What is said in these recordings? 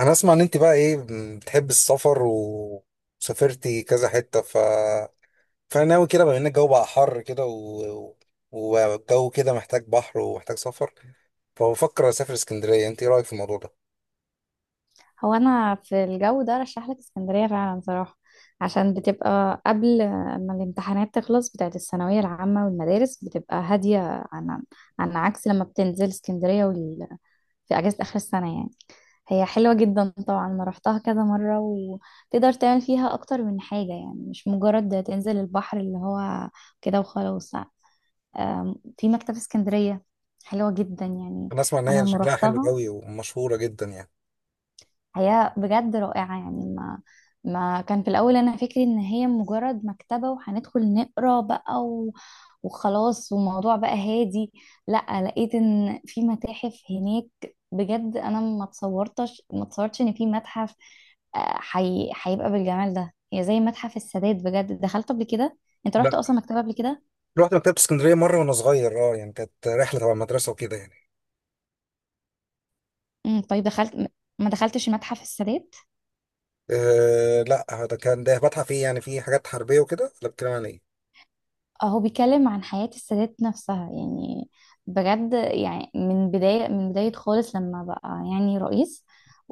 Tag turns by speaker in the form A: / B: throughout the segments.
A: انا اسمع ان انت بقى ايه؟ بتحب السفر وسافرتي كذا حتة فناوي كده، بما ان الجو بقى حر كده والجو كده محتاج بحر ومحتاج سفر، فبفكر اسافر اسكندرية. انت ايه رأيك في الموضوع ده؟
B: هو انا في الجو ده رشح لك اسكندريه فعلا صراحه، عشان بتبقى قبل ما الامتحانات تخلص بتاعت الثانويه العامه، والمدارس بتبقى هاديه عن عن عكس لما بتنزل اسكندريه في اجازه اخر السنه يعني. هي حلوه جدا طبعا، انا رحتها كذا مره وتقدر تعمل فيها اكتر من حاجه، يعني مش مجرد تنزل البحر اللي هو كده وخلاص. في مكتبه اسكندريه حلوه جدا يعني.
A: انا اسمع ان
B: انا
A: هي
B: لما
A: شكلها حلو
B: رحتها
A: قوي ومشهورة جدا يعني.
B: هي بجد رائعة يعني، ما كان في الأول أنا فكري إن هي مجرد مكتبة وهندخل نقرا بقى وخلاص والموضوع بقى هادي. لا، لقيت إن في متاحف هناك بجد، أنا ما تصورتش إن في متحف، هيبقى بالجمال ده. هي زي متحف السادات، بجد دخلت قبل كده. أنت
A: لا،
B: رحت أصلا مكتبة قبل كده؟
A: رحت مكتبة اسكندرية مرة وانا صغير، اه يعني كانت رحلة تبع المدرسة وكده يعني.
B: امم، طيب دخلت، ما دخلتش متحف السادات؟
A: أه لا، ده كان ده متحف ايه يعني، فيه حاجات حربية وكده ولا بتتكلم عن ايه؟
B: هو بيتكلم عن حياة السادات نفسها يعني، بجد يعني من بداية خالص لما بقى يعني رئيس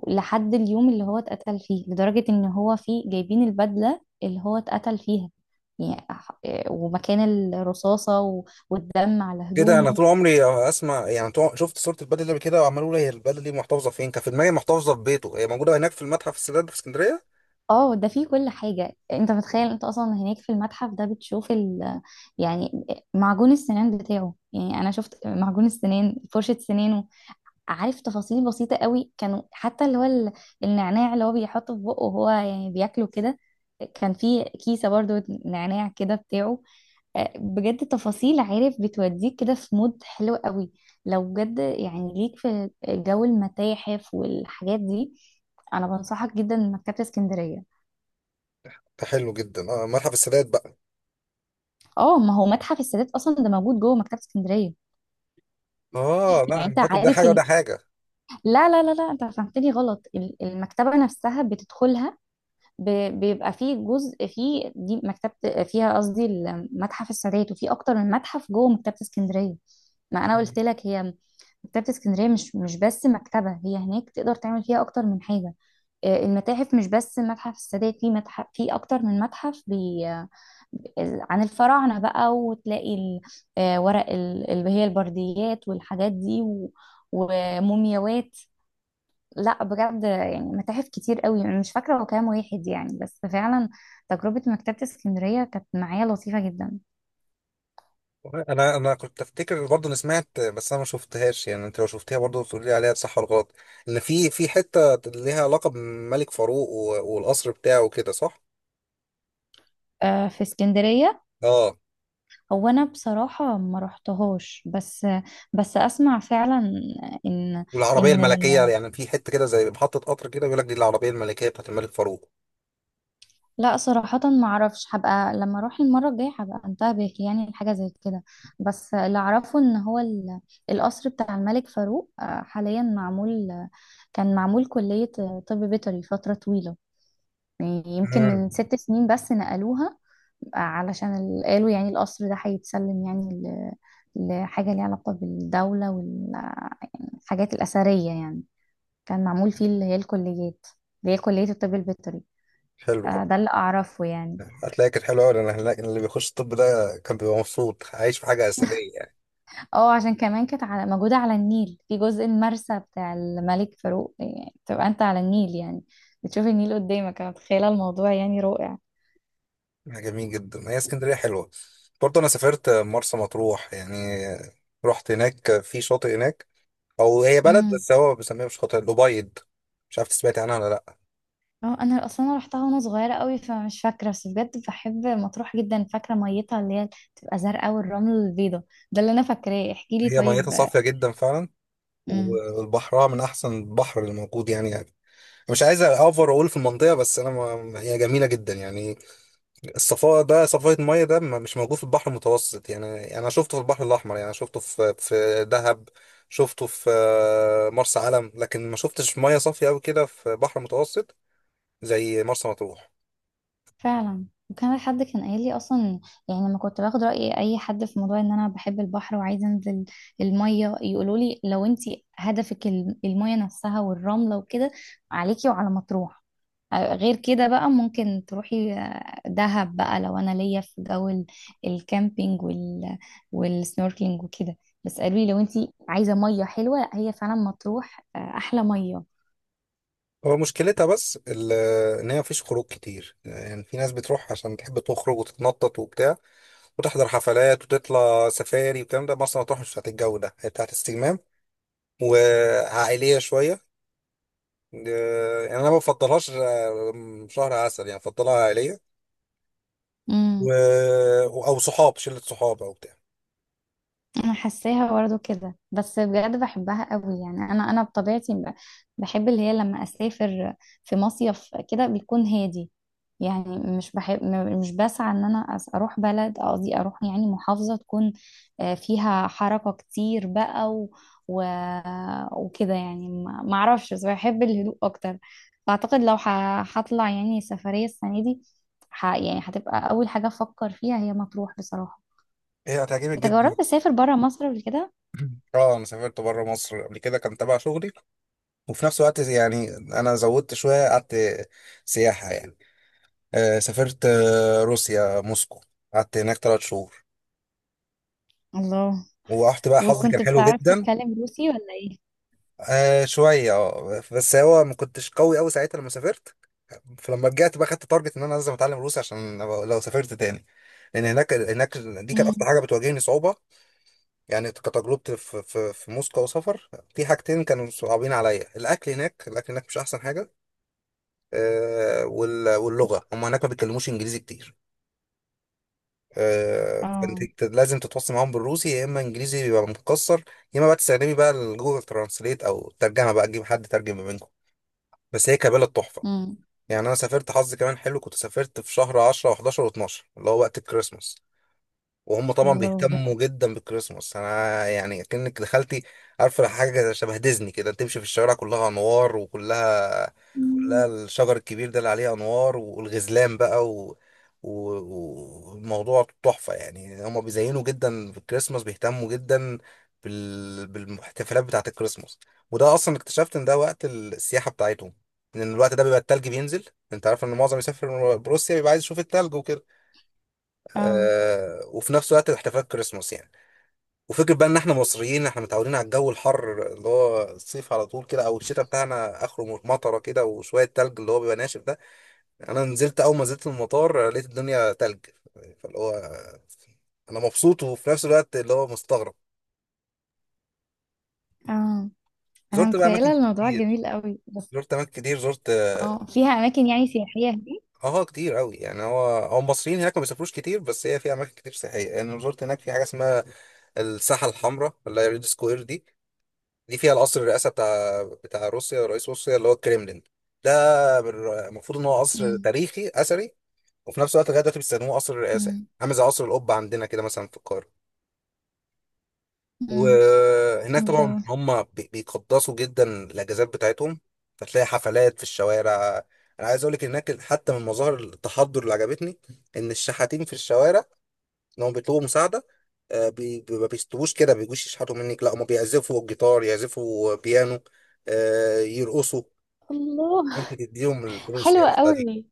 B: لحد اليوم اللي هو اتقتل فيه، لدرجة ان هو فيه جايبين البدلة اللي هو اتقتل فيها يعني. ومكان الرصاصة والدم على
A: كده انا
B: هدومه.
A: طول عمري اسمع، يعني طول شفت صوره البلد دي قبل كده وعمال اقول هي البلد دي محتفظه فين؟ كان في دماغي محتفظه في بيته، هي موجوده هناك في المتحف السادات في اسكندريه.
B: اه، ده فيه كل حاجة انت متخيل، انت اصلا هناك في المتحف ده بتشوف يعني معجون السنان بتاعه. يعني انا شفت معجون السنان، فرشة سنانه، عارف، تفاصيل بسيطة قوي كانوا، حتى اللي هو النعناع اللي هو بيحطه في بقه وهو يعني بياكله كده، كان في كيسة برضو نعناع كده بتاعه. آه، بجد تفاصيل، عارف، بتوديك كده في مود حلو قوي. لو بجد يعني ليك في جو المتاحف والحاجات دي، انا بنصحك جدا مكتبة اسكندرية.
A: حلو جدا، اه متحف السادات بقى.
B: اه، ما هو متحف السادات اصلا ده موجود جوه مكتبة اسكندرية.
A: اه
B: يعني
A: لا، انا
B: انت
A: فاكر ده
B: عارف
A: حاجه وده حاجه.
B: لا لا لا لا، انت فهمتني غلط. المكتبة نفسها بتدخلها، بيبقى فيه جزء فيه، دي مكتبة فيها، قصدي المتحف السادات، وفي أكتر من متحف جوه مكتبة اسكندرية. ما أنا قلت لك هي مكتبة اسكندرية، مش بس مكتبة، هي هناك تقدر تعمل فيها أكتر من حاجة. آه، المتاحف مش بس متحف السادات، في متحف، في أكتر من متحف، بي آه، عن الفراعنة بقى، وتلاقي ورق اللي هي البرديات والحاجات دي ومومياوات. لا بجد يعني متاحف كتير قوي، انا مش فاكره هو كام واحد يعني، بس فعلا تجربه مكتبه اسكندريه كانت معايا لطيفه جدا.
A: انا كنت افتكر برضه، انا سمعت بس انا ما شفتهاش يعني، انت لو شفتيها برضه تقول لي عليها صح ولا غلط. ان في حته ليها علاقه بملك فاروق والقصر بتاعه وكده، صح؟
B: آه، في اسكندريه.
A: اه،
B: هو انا بصراحه ما رحتهاش، بس بس اسمع فعلا ان
A: والعربيه
B: ان
A: الملكيه يعني، في حته كده زي محطه قطر كده بيقول لك دي العربيه الملكيه بتاعت الملك فاروق.
B: لا صراحه ما اعرفش، هبقى لما اروح المره الجايه هبقى انتبه يعني لحاجه زي كده. بس اللي اعرفه ان هو القصر بتاع الملك فاروق آه، حاليا معمول، كان معمول كليه طب بيطري فتره طويله، يعني يمكن من
A: امم،
B: ست سنين بس نقلوها. علشان قالوا يعني القصر ده هيتسلم يعني لحاجة ليها علاقة بالدولة والحاجات الأثرية يعني. كان معمول فيه اللي هي الكليات، اللي هي كلية الطب البيطري.
A: حلو.
B: آه، ده اللي أعرفه يعني.
A: هتلاقي كانت حلوة أوي، لأن هناك اللي بيخش الطب ده كان بيبقى مبسوط عايش في حاجة أثرية يعني.
B: اه، عشان كمان كانت موجودة على النيل في جزء المرسى بتاع الملك فاروق، يعني تبقى أنت على النيل يعني، بتشوف النيل قدامك، أنا متخيلة الموضوع يعني.
A: حاجة جميل جدا هي اسكندرية حلوة. برضه أنا سافرت مرسى مطروح يعني، رحت هناك في شاطئ هناك، أو هي بلد
B: رائع.
A: بس هو بيسميها، مش شاطئ الأبيض، مش عارف سمعت عنها ولا لأ.
B: اه انا اصلا انا رحتها وانا صغيره قوي فمش فاكره، بس بجد بحب مطروح جدا، فاكره ميتها اللي هي بتبقى زرقاء والرمل البيضه، ده اللي انا فاكراه، احكي لي
A: هي ميتها
B: طيب.
A: صافية جدا فعلا،
B: امم.
A: وبحرها من أحسن البحر اللي موجود يعني، يعني. مش عايز أوفر أقول في المنطقة، بس أنا ما... هي جميلة جدا يعني. الصفاء ده، صفاء المية ده، مش موجود في البحر المتوسط يعني. يعني انا شفته في البحر الاحمر، يعني شفته في دهب، شفته في مرسى علم، لكن ما شفتش مية صافية قوي كده في بحر متوسط زي مرسى مطروح.
B: فعلا، وكان حد كان قايل لي اصلا يعني لما كنت باخد راي اي حد في موضوع ان انا بحب البحر وعايزه انزل الميه، يقولوا لي لو انت هدفك الميه نفسها والرمله وكده، عليكي وعلى مطروح. آه، غير كده بقى ممكن تروحي آه، دهب بقى لو انا ليا في جو الكامبينج والسنوركلينج وكده. بس قالوا لي لو انت عايزه ميه حلوه، هي فعلا مطروح آه، احلى ميه.
A: هو مشكلتها بس ان هي مفيش خروج كتير يعني، في ناس بتروح عشان تحب تخرج وتتنطط وبتاع، وتحضر حفلات وتطلع سفاري والكلام ده. مرسى مطروح مش بتاعت الجو ده، هي بتاعت استجمام وعائليه شويه. يعني انا ما بفضلهاش شهر عسل يعني، بفضلها عائليه و...
B: امم.
A: او صحاب، شله صحاب او بتاع.
B: انا حاساها برضه كده، بس بجد بحبها قوي يعني، انا انا بطبيعتي بحب اللي هي لما اسافر في مصيف كده بيكون هادي يعني، مش بحب مش بسعى ان انا اروح بلد، قصدي اروح يعني محافظة تكون آه، فيها حركة كتير بقى و... وكده يعني، ما اعرفش، بس بحب الهدوء اكتر. فاعتقد لو هطلع يعني سفرية السنة دي، ح... يعني هتبقى اول حاجة افكر فيها هي مطروح بصراحة.
A: هي هتعجبك
B: انت
A: جدا.
B: جربت تسافر برا مصر قبل كده؟
A: اه، انا سافرت بره مصر قبل كده، كان تبع شغلي وفي نفس الوقت يعني انا زودت شويه، قعدت سياحه يعني. آه سافرت آه روسيا، موسكو، قعدت هناك 3 شهور
B: الله.
A: ورحت بقى، حظي كان
B: وكنت
A: حلو
B: بتعرف
A: جدا.
B: تتكلم روسي ولا ايه؟
A: آه شويه اه، بس هو ما كنتش قوي قوي ساعتها لما سافرت، فلما رجعت بقى خدت تارجت ان انا لازم اتعلم روسي، عشان لو سافرت تاني، لان هناك دي كانت اكتر
B: امم.
A: حاجه بتواجهني صعوبه. يعني كتجربتي في في موسكو وسفر، في حاجتين كانوا صعبين عليا: الاكل هناك، الاكل هناك مش احسن حاجه. آه واللغه، هم هناك ما بيتكلموش انجليزي كتير. آه فانت
B: اه.
A: لازم تتواصل معاهم بالروسي، يا اما انجليزي بيبقى متكسر، يا اما بقى تستخدمي بقى الجوجل ترانسليت، او الترجمه بقى تجيب حد ترجم ما بينكم. بس هي كبلد تحفه.
B: امم.
A: يعني انا سافرت، حظي كمان حلو، كنت سافرت في شهر 10 و11 و12، اللي هو وقت الكريسماس. وهم طبعا
B: الله، بجد.
A: بيهتموا جدا بالكريسماس، انا يعني كأنك دخلتي، عارفه، حاجه شبه ديزني كده، تمشي في الشوارع كلها انوار وكلها، كلها
B: مم.
A: الشجر الكبير ده اللي عليه انوار والغزلان بقى و... والموضوع تحفه. يعني هم بيزينوا جدا بالكريسماس، بيهتموا جدا بالاحتفالات بتاعه الكريسماس. وده اصلا اكتشفت ان ده وقت السياحه بتاعتهم، ان الوقت ده بيبقى التلج بينزل. انت عارف ان معظم يسافر بروسيا بيبقى عايز يشوف التلج وكده.
B: اه.
A: آه، وفي نفس الوقت احتفالات كريسماس يعني. وفكرة بقى ان احنا مصريين، احنا متعودين على الجو الحر اللي هو الصيف على طول كده، او الشتاء بتاعنا اخره مطره كده وشوية تلج اللي هو بيبقى ناشف ده. انا نزلت، اول ما نزلت المطار لقيت الدنيا تلج، فاللي هو انا مبسوط وفي نفس الوقت اللي هو مستغرب.
B: اه، انا
A: زرت بقى
B: متخيله
A: اماكن
B: الموضوع
A: كتير،
B: جميل قوي. بس
A: زرت اماكن كتير، زرت اه
B: اه، فيها اماكن يعني سياحيه هناك؟
A: آه، كتير قوي يعني. هو المصريين هناك ما بيسافروش كتير، بس هي في اماكن كتير سياحيه يعني. أنا زرت هناك في حاجه اسمها الساحه الحمراء، اللي هي ريد سكوير دي. دي فيها القصر الرئاسة بتاع روسيا، رئيس روسيا، اللي هو الكريملين ده. المفروض ان هو قصر
B: امم.
A: تاريخي اثري، وفي نفس الوقت لغايه دلوقتي بيستخدموه قصر الرئاسة يعني.
B: امم.
A: عامل زي قصر القبة عندنا كده مثلا في القاهرة.
B: امم.
A: وهناك طبعا
B: الله.
A: هم بيقدسوا جدا الاجازات بتاعتهم، فتلاقي حفلات في الشوارع. انا عايز اقول لك هناك حتى من مظاهر التحضر اللي عجبتني، ان الشحاتين في الشوارع، ان هم بيطلبوا مساعده، ما بيستووش كده، ما بيجوش يشحتوا منك، لا هم بيعزفوا جيتار، يعزفوا بيانو، يرقصوا،
B: الله.
A: انت تديهم الفلوس
B: حلو
A: يعني، بتاع دي.
B: قوي.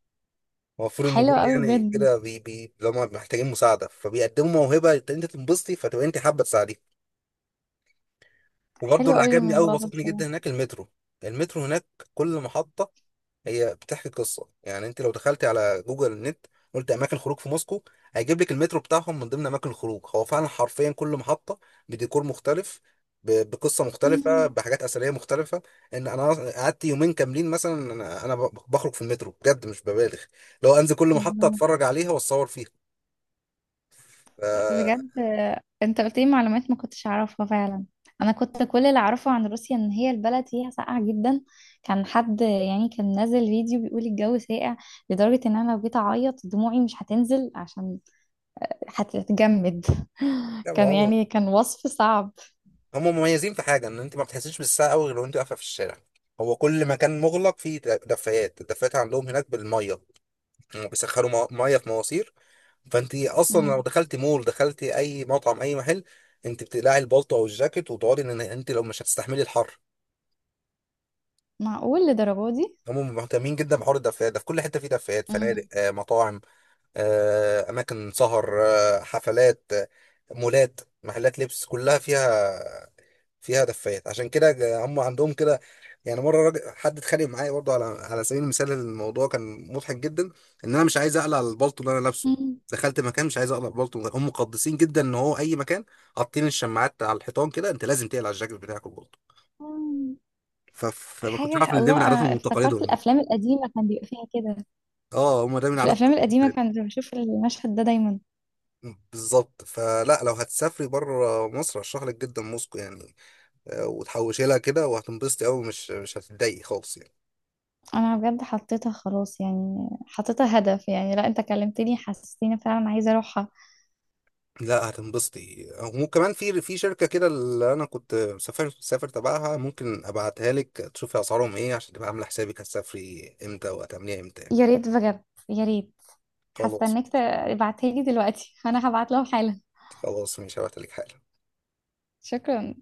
A: المفروض ان دول
B: حلو قوي
A: يعني
B: بجد.
A: كده بي لما محتاجين مساعده فبيقدموا موهبه، انت تنبسطي فتبقى انت حابه تساعديه. وبرضه
B: حلو
A: اللي
B: قوي
A: عجبني قوي،
B: الموضوع ده
A: بسطني
B: بصراحه.
A: جدا هناك، المترو. المترو هناك، كل محطه هي بتحكي قصه. يعني انت لو دخلتي على جوجل نت، قلت اماكن خروج في موسكو، هيجيب لك المترو بتاعهم من ضمن اماكن الخروج. هو فعلا حرفيا كل محطه بديكور مختلف، بقصه مختلفه،
B: امم.
A: بحاجات اثريه مختلفه. ان انا قعدت يومين كاملين مثلا انا بخرج في المترو، بجد مش ببالغ، لو انزل كل محطه
B: الله،
A: اتفرج عليها واتصور فيها ف...
B: بجد. انت قلت لي معلومات ما كنتش اعرفها فعلا. انا كنت كل اللي اعرفه عن روسيا ان هي البلد فيها ساقعه جدا. كان حد يعني كان نازل فيديو بيقول الجو ساقع لدرجه ان انا لو جيت اعيط دموعي مش هتنزل عشان هتجمد.
A: لا. ما
B: كان
A: هو
B: يعني كان وصف صعب.
A: هم مميزين في حاجه، ان انت ما بتحسيش بالساعه قوي غير وانت واقفه في الشارع، هو كل مكان مغلق فيه دفايات. الدفايات عندهم هناك بالميه، مم، بيسخنوا ميه في مواسير. فانت اصلا لو
B: مم.
A: دخلتي مول، دخلتي اي مطعم، اي محل، انت بتقلعي البلطو او الجاكيت وتقعدي، ان انت لو مش هتستحملي الحر.
B: معقول لدرجه دي؟
A: هم مهتمين جدا بحوار الدفايات ده، في كل حته في دفايات، فنادق،
B: مم.
A: آه، مطاعم، آه، اماكن سهر، آه، حفلات، آه، مولات، محلات لبس، كلها فيها، فيها دفايات. عشان كده هم عندهم كده. يعني مره راجل، حد اتخانق معايا برضه، على على سبيل المثال، الموضوع كان مضحك جدا، ان انا مش عايز اقلع البلطو اللي انا لابسه.
B: مم.
A: دخلت مكان، مش عايز اقلع البلطو، هم مقدسين جدا ان هو اي مكان حاطين الشماعات على الحيطان كده، انت لازم تقلع الجاكيت بتاعك والبلطو.
B: مم.
A: فما كنتش عارف
B: حاجه.
A: ان ده من
B: الله، انا
A: عاداتهم وتقاليدهم
B: افتكرت
A: يعني.
B: الافلام القديمه كان بيبقى فيها كده.
A: اه، هم ده من
B: في الافلام
A: عاداتهم
B: القديمه
A: وتقاليدهم.
B: كان بشوف المشهد ده دايما.
A: بالظبط، فلا، لو هتسافري بره مصر ارشح لك جدا موسكو يعني. آه، وتحوشي لها كده وهتنبسطي قوي، مش هتتضايقي خالص يعني.
B: انا بجد حطيتها خلاص يعني، حطيتها هدف يعني، لا انت كلمتني حسستيني فعلا عايزه اروحها.
A: لا هتنبسطي. وكمان في شركة كده، اللي أنا كنت مسافر تبعها، ممكن أبعتها لك تشوفي أسعارهم إيه، عشان تبقى عاملة حسابك هتسافري إمتى وهتعمليها إمتى يعني.
B: يا ريت بجد، يا ريت.
A: خلاص.
B: هستناك. تبعتها لي دلوقتي؟ انا هبعت لهم حالا.
A: خلاص مش هبعتلك حالا.
B: شكرا.